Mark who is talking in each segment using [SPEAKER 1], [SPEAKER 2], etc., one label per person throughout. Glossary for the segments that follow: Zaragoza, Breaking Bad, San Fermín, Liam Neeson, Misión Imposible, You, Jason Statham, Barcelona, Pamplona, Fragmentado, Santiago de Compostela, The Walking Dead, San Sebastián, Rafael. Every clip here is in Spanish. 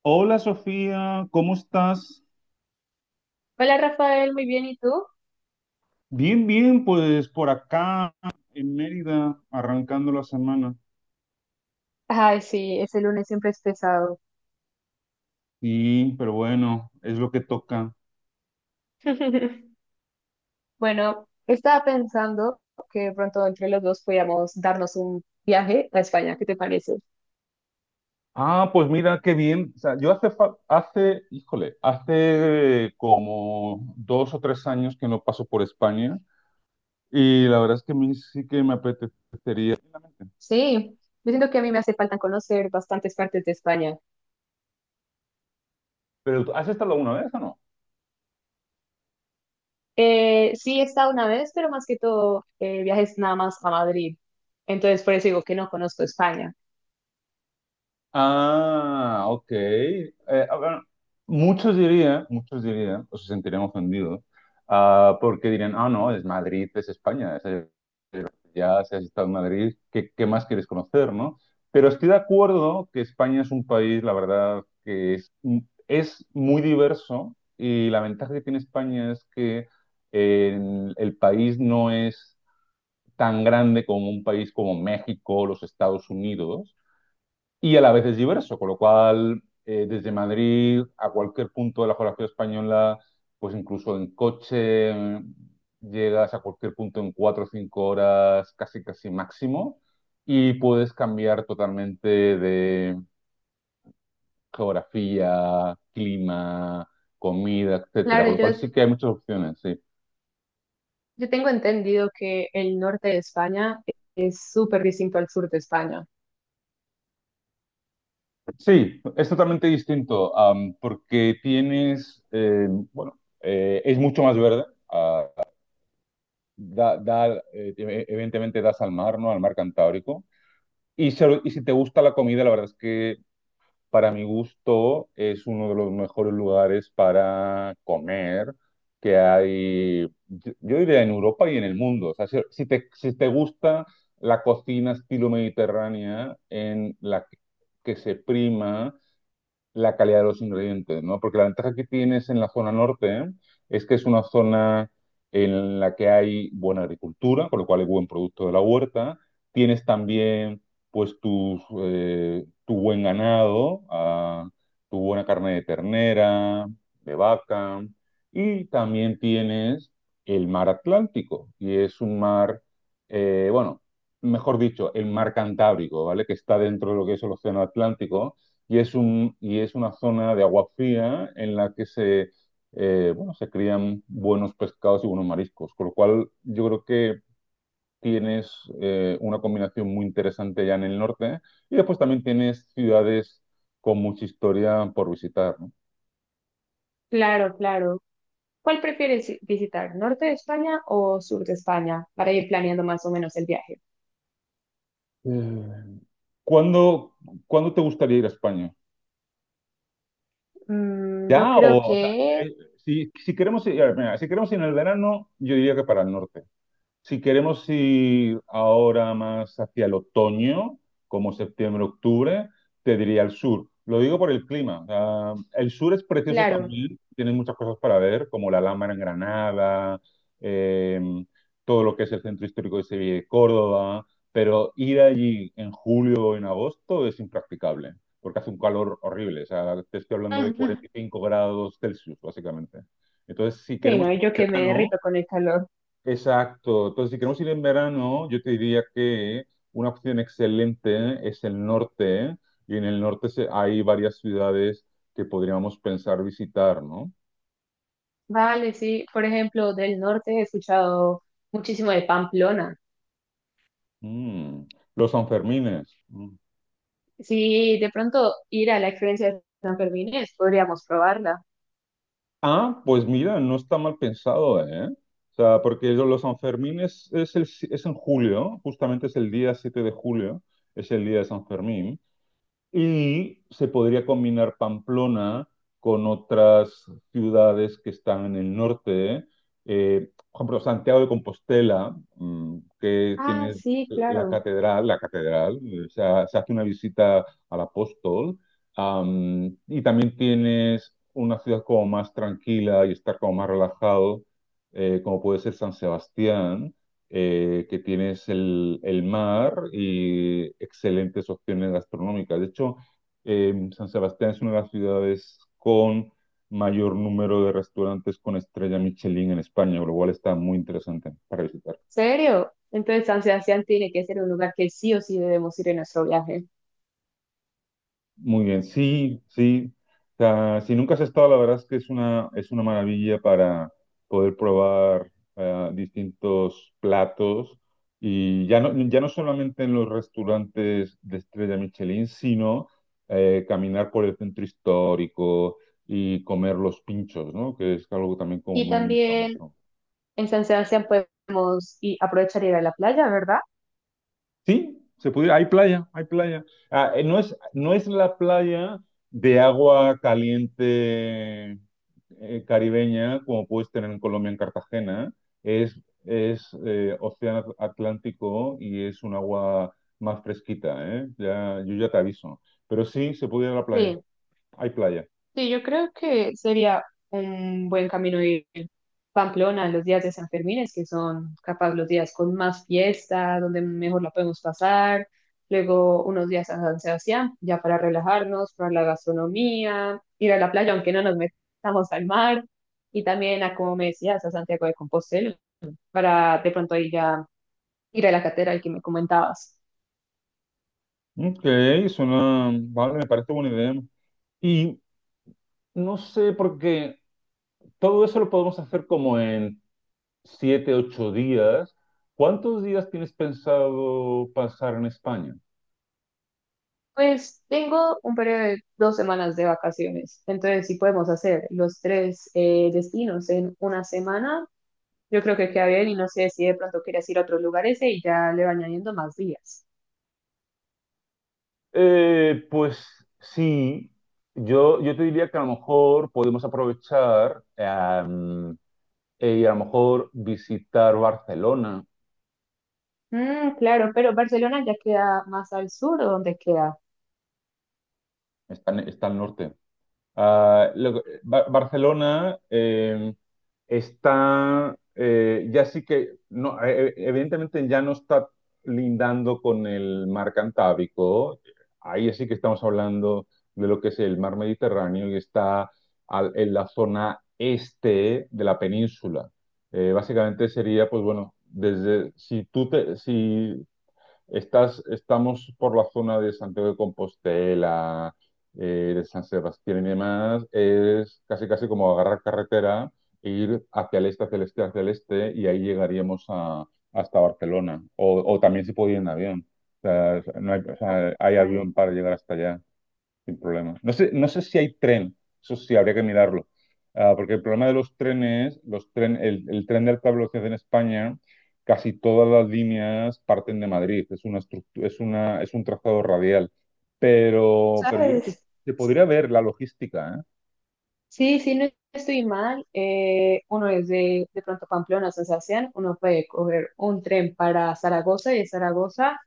[SPEAKER 1] Hola Sofía, ¿cómo estás?
[SPEAKER 2] Hola Rafael, muy bien, ¿y tú?
[SPEAKER 1] Bien, bien, pues por acá en Mérida, arrancando la semana.
[SPEAKER 2] Ay, sí, ese lunes siempre es pesado.
[SPEAKER 1] Sí, pero bueno, es lo que toca.
[SPEAKER 2] Bueno, estaba pensando que de pronto entre los dos podíamos darnos un viaje a España, ¿qué te parece?
[SPEAKER 1] Ah, pues mira, qué bien. O sea, yo hace, fa- hace, híjole, hace como dos o tres años que no paso por España y la verdad es que a mí sí que me apetecería.
[SPEAKER 2] Sí, yo siento que a mí me hace falta conocer bastantes partes de España.
[SPEAKER 1] ¿Pero has estado alguna vez o no?
[SPEAKER 2] Sí, he estado una vez, pero más que todo viajes nada más a Madrid. Entonces, por eso digo que no conozco España.
[SPEAKER 1] Ah, ok. A ver, muchos dirían, o se sentirían ofendidos, porque dirían, ah, no, es Madrid, es España, ya si has estado en Madrid, ¿qué más quieres conocer, no? Pero estoy de acuerdo que España es un país, la verdad, es muy diverso y la ventaja que tiene España es que el país no es tan grande como un país como México, los Estados Unidos, y a la vez es diverso, con lo cual desde Madrid a cualquier punto de la geografía española, pues incluso en coche llegas a cualquier punto en cuatro o cinco horas, casi casi máximo, y puedes cambiar totalmente de geografía, clima, comida, etcétera.
[SPEAKER 2] Claro,
[SPEAKER 1] Con lo
[SPEAKER 2] yo,
[SPEAKER 1] cual sí que hay muchas opciones, sí.
[SPEAKER 2] yo tengo entendido que el norte de España es súper distinto al sur de España.
[SPEAKER 1] Sí, es totalmente distinto, porque tienes, bueno, es mucho más verde. Ah, da, da, eh, Evidentemente das al mar, ¿no? Al mar Cantábrico. Y si te gusta la comida, la verdad es que para mi gusto es uno de los mejores lugares para comer que hay, yo diría en Europa y en el mundo. O sea, si te gusta la cocina estilo mediterránea en que se prima la calidad de los ingredientes, ¿no? Porque la ventaja que tienes en la zona norte, ¿eh? Es que es una zona en la que hay buena agricultura, por lo cual hay buen producto de la huerta. Tienes también, pues, tu buen ganado, ah, tu buena carne de ternera, de vaca, y también tienes el mar Atlántico, y es un mar, eh, bueno, mejor dicho, el mar Cantábrico, ¿vale? Que está dentro de lo que es el océano Atlántico, y es una zona de agua fría en la que se crían buenos pescados y buenos mariscos, con lo cual yo creo que tienes una combinación muy interesante ya en el norte, y después también tienes ciudades con mucha historia por visitar, ¿no?
[SPEAKER 2] Claro, claro. ¿Cuál prefieres visitar, norte de España o sur de España, para ir planeando más o menos el viaje?
[SPEAKER 1] Eh, ¿Cuándo, Cuándo te gustaría ir a España?
[SPEAKER 2] Yo
[SPEAKER 1] ¿Ya?
[SPEAKER 2] creo
[SPEAKER 1] O sea,
[SPEAKER 2] que,
[SPEAKER 1] si queremos ir, a ver, mira, si queremos ir en el verano, yo diría que para el norte. Si queremos ir ahora más hacia el otoño, como septiembre, octubre, te diría el sur. Lo digo por el clima. O sea, el sur es precioso
[SPEAKER 2] claro.
[SPEAKER 1] también, tienes muchas cosas para ver, como la Alhambra en Granada, eh, todo lo que es el centro histórico de Sevilla y de Córdoba, pero ir allí en julio o en agosto es impracticable, porque hace un calor horrible. O sea, te estoy hablando de
[SPEAKER 2] Ujú.
[SPEAKER 1] 45 grados Celsius, básicamente. Entonces, si
[SPEAKER 2] Sí,
[SPEAKER 1] queremos
[SPEAKER 2] no, y yo que me
[SPEAKER 1] verano,
[SPEAKER 2] derrito con el calor.
[SPEAKER 1] exacto. Entonces, si queremos ir en verano, yo te diría que una opción excelente es el norte, y en el norte hay varias ciudades que podríamos pensar visitar, ¿no?
[SPEAKER 2] Vale, sí. Por ejemplo, del norte he escuchado muchísimo de Pamplona.
[SPEAKER 1] Mm, los Sanfermines. Mm.
[SPEAKER 2] Sí, de pronto ir a la experiencia de San Fermín, podríamos probarla.
[SPEAKER 1] Ah, pues mira, no está mal pensado, ¿eh? O sea, porque los Sanfermines es, el, si- es en julio, justamente es el día 7 de julio, es el día de San Fermín. Y se podría combinar Pamplona con otras ciudades que están en el norte, por ejemplo, Santiago de Compostela, mm, que
[SPEAKER 2] Ah,
[SPEAKER 1] tiene
[SPEAKER 2] sí,
[SPEAKER 1] la
[SPEAKER 2] claro.
[SPEAKER 1] catedral, la catedral, se hace una visita al apóstol, y también tienes una ciudad como más tranquila y estar como más relajado, como puede ser San Sebastián, que tienes el mar y excelentes opciones gastronómicas. De hecho, San Sebastián es una de las ciudades con mayor número de restaurantes con estrella Michelin en España, lo cual está muy interesante para visitar.
[SPEAKER 2] ¿Serio? Entonces San Sebastián tiene que ser un lugar que sí o sí debemos ir en nuestro viaje.
[SPEAKER 1] Muy bien, sí, sí. O sea, si nunca has estado, la verdad es que es una maravilla para poder probar distintos platos, y ya no solamente en los restaurantes de estrella Michelin, sino caminar por el centro histórico y comer los pinchos, ¿no? Que es algo también como
[SPEAKER 2] Y
[SPEAKER 1] muy
[SPEAKER 2] también
[SPEAKER 1] famoso.
[SPEAKER 2] En San Sebastián podemos y aprovechar y ir a la playa, ¿verdad?
[SPEAKER 1] Sí, se pudiera, hay playa, hay playa. No es la playa de agua caliente, caribeña, como puedes tener en Colombia, en Cartagena. Es, es océano Atlántico y es un agua más fresquita, ¿eh? Ya, yo ya te aviso. Pero sí, se puede ir a la playa.
[SPEAKER 2] Sí,
[SPEAKER 1] Hay playa.
[SPEAKER 2] sí, yo creo que sería un buen camino ir Pamplona los días de San Fermín, es que son capaz los días con más fiesta, donde mejor la podemos pasar, luego unos días a San Sebastián, ya para relajarnos, para la gastronomía, ir a la playa, aunque no nos metamos al mar, y también a, como me decías, a Santiago de Compostela, para de pronto ahí ya ir a la catedral que me comentabas.
[SPEAKER 1] Ok, suena... Vale, me parece buena idea. Y no sé, porque todo eso lo podemos hacer como en siete, ocho días. ¿Cuántos días tienes pensado pasar en España?
[SPEAKER 2] Pues tengo un periodo de 2 semanas de vacaciones, entonces si podemos hacer los tres destinos en una semana, yo creo que queda bien y no sé si de pronto quieres ir a otros lugares e y ya le va añadiendo más días.
[SPEAKER 1] Pues sí, yo te diría que a lo mejor podemos aprovechar, y a lo mejor visitar Barcelona,
[SPEAKER 2] Mm, claro, pero Barcelona ya queda más al sur, ¿o dónde queda?
[SPEAKER 1] está, está al norte. Ah, Barcelona, está, ya sí que, no, evidentemente ya no está lindando con el mar Cantábrico, ahí sí que estamos hablando de lo que es el mar Mediterráneo y está en la zona este de la península. Básicamente sería, pues bueno, desde, si estás, estamos por la zona de Santiago de Compostela, de San Sebastián y demás. Es casi casi como agarrar carretera e ir hacia el este, hacia el este, hacia el este, y ahí llegaríamos hasta Barcelona. O también se puede ir en avión. O sea, no hay, o
[SPEAKER 2] Ah,
[SPEAKER 1] sea, hay
[SPEAKER 2] vale,
[SPEAKER 1] avión para llegar hasta allá sin problema. No sé si hay tren, eso sí, habría que mirarlo. Ah, porque el problema de los trenes, el tren de alta velocidad en España, casi todas las líneas parten de Madrid. Es una es un trazado radial. Pero yo creo que
[SPEAKER 2] ¿sabes?
[SPEAKER 1] se podría ver la logística, ¿eh?
[SPEAKER 2] Sí, sí, no estoy mal. Uno es de pronto Pamplona, a San Sebastián. Uno puede coger un tren para Zaragoza y de Zaragoza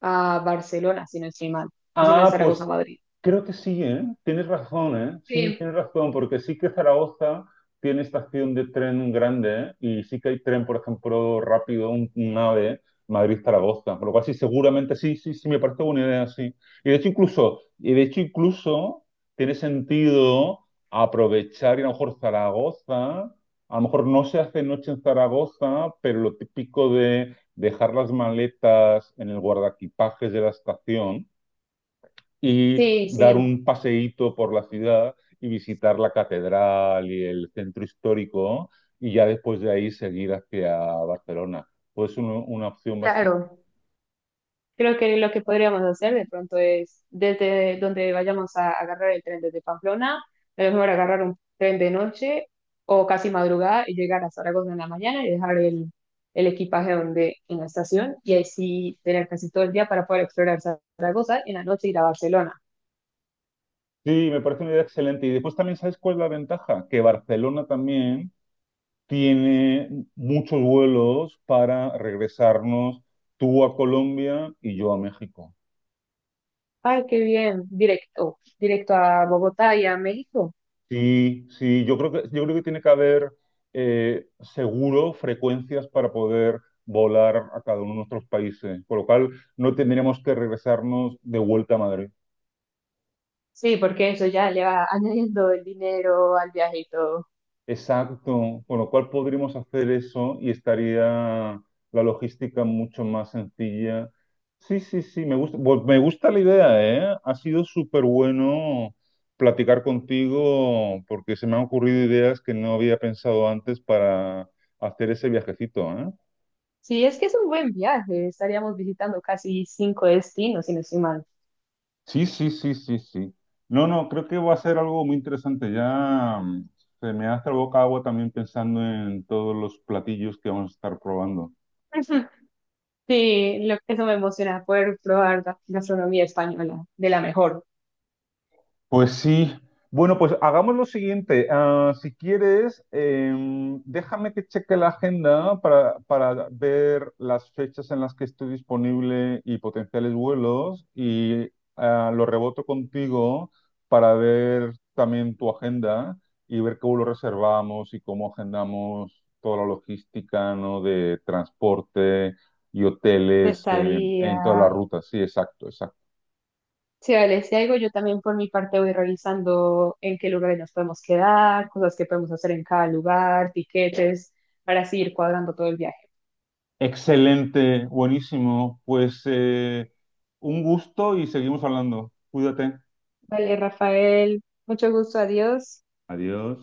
[SPEAKER 2] a Barcelona, si no estoy mal, o si no es
[SPEAKER 1] Ah, pues
[SPEAKER 2] Zaragoza a Madrid.
[SPEAKER 1] creo que sí, ¿eh? Tienes razón, ¿eh? Sí,
[SPEAKER 2] Sí,
[SPEAKER 1] tienes razón, porque sí que Zaragoza tiene estación de tren grande, ¿eh? Y sí que hay tren, por ejemplo, rápido, un AVE, Madrid-Zaragoza, por lo cual sí, seguramente sí, sí, sí, me parece buena idea, sí. Y de hecho incluso tiene sentido aprovechar y a lo mejor Zaragoza, a lo mejor no se hace noche en Zaragoza, pero lo típico de dejar las maletas en el guardaequipajes de la estación y
[SPEAKER 2] sí,
[SPEAKER 1] dar
[SPEAKER 2] sí,
[SPEAKER 1] un paseíto por la ciudad y visitar la catedral y el centro histórico, y ya después de ahí seguir hacia Barcelona. Pues una opción bastante...
[SPEAKER 2] claro. Creo que lo que podríamos hacer de pronto es, desde donde vayamos a agarrar el tren desde Pamplona, a lo mejor agarrar un tren de noche o casi madrugada y llegar a Zaragoza en la mañana y dejar el equipaje donde, en la estación y ahí sí tener casi todo el día para poder explorar Zaragoza y en la noche ir a Barcelona.
[SPEAKER 1] Sí, me parece una idea excelente. Y después también, ¿sabes cuál es la ventaja? Que Barcelona también tiene muchos vuelos para regresarnos tú a Colombia y yo a México.
[SPEAKER 2] Ay, qué bien, directo, directo a Bogotá y a México.
[SPEAKER 1] Sí, sí, yo creo que tiene que haber seguro frecuencias para poder volar a cada uno de nuestros países, por lo cual no tendríamos que regresarnos de vuelta a Madrid.
[SPEAKER 2] Sí, porque eso ya le va añadiendo el dinero al viaje y todo.
[SPEAKER 1] Exacto, con lo cual podríamos hacer eso y estaría la logística mucho más sencilla. Sí, sí, sí, me gusta, me gusta la idea, ¿eh? Ha sido súper bueno platicar contigo porque se me han ocurrido ideas que no había pensado antes para hacer ese viajecito, ¿eh?
[SPEAKER 2] Sí, es que es un buen viaje. Estaríamos visitando casi cinco destinos, si no estoy mal.
[SPEAKER 1] Sí, sí, sí, sí, sí. No, no, creo que va a ser algo muy interesante. Ya Se me hace la boca agua también pensando en todos los platillos que vamos a estar probando.
[SPEAKER 2] Sí, eso me emociona, poder probar la gastronomía española de la mejor.
[SPEAKER 1] Pues sí. Bueno, pues hagamos lo siguiente. Ah, si quieres, déjame que cheque la agenda para ver las fechas en las que estoy disponible y potenciales vuelos, y lo reboto contigo para ver también tu agenda y ver cómo lo reservamos y cómo agendamos toda la logística, ¿no? De transporte y
[SPEAKER 2] De
[SPEAKER 1] hoteles,
[SPEAKER 2] estadía.
[SPEAKER 1] en todas las rutas. Sí, exacto, exacto.
[SPEAKER 2] Sí, vale, si algo yo también por mi parte voy revisando en qué lugares nos podemos quedar, cosas que podemos hacer en cada lugar, tiquetes, para así ir cuadrando todo el viaje.
[SPEAKER 1] Excelente, buenísimo. Pues un gusto y seguimos hablando. Cuídate.
[SPEAKER 2] Vale, Rafael, mucho gusto, adiós.
[SPEAKER 1] Adiós.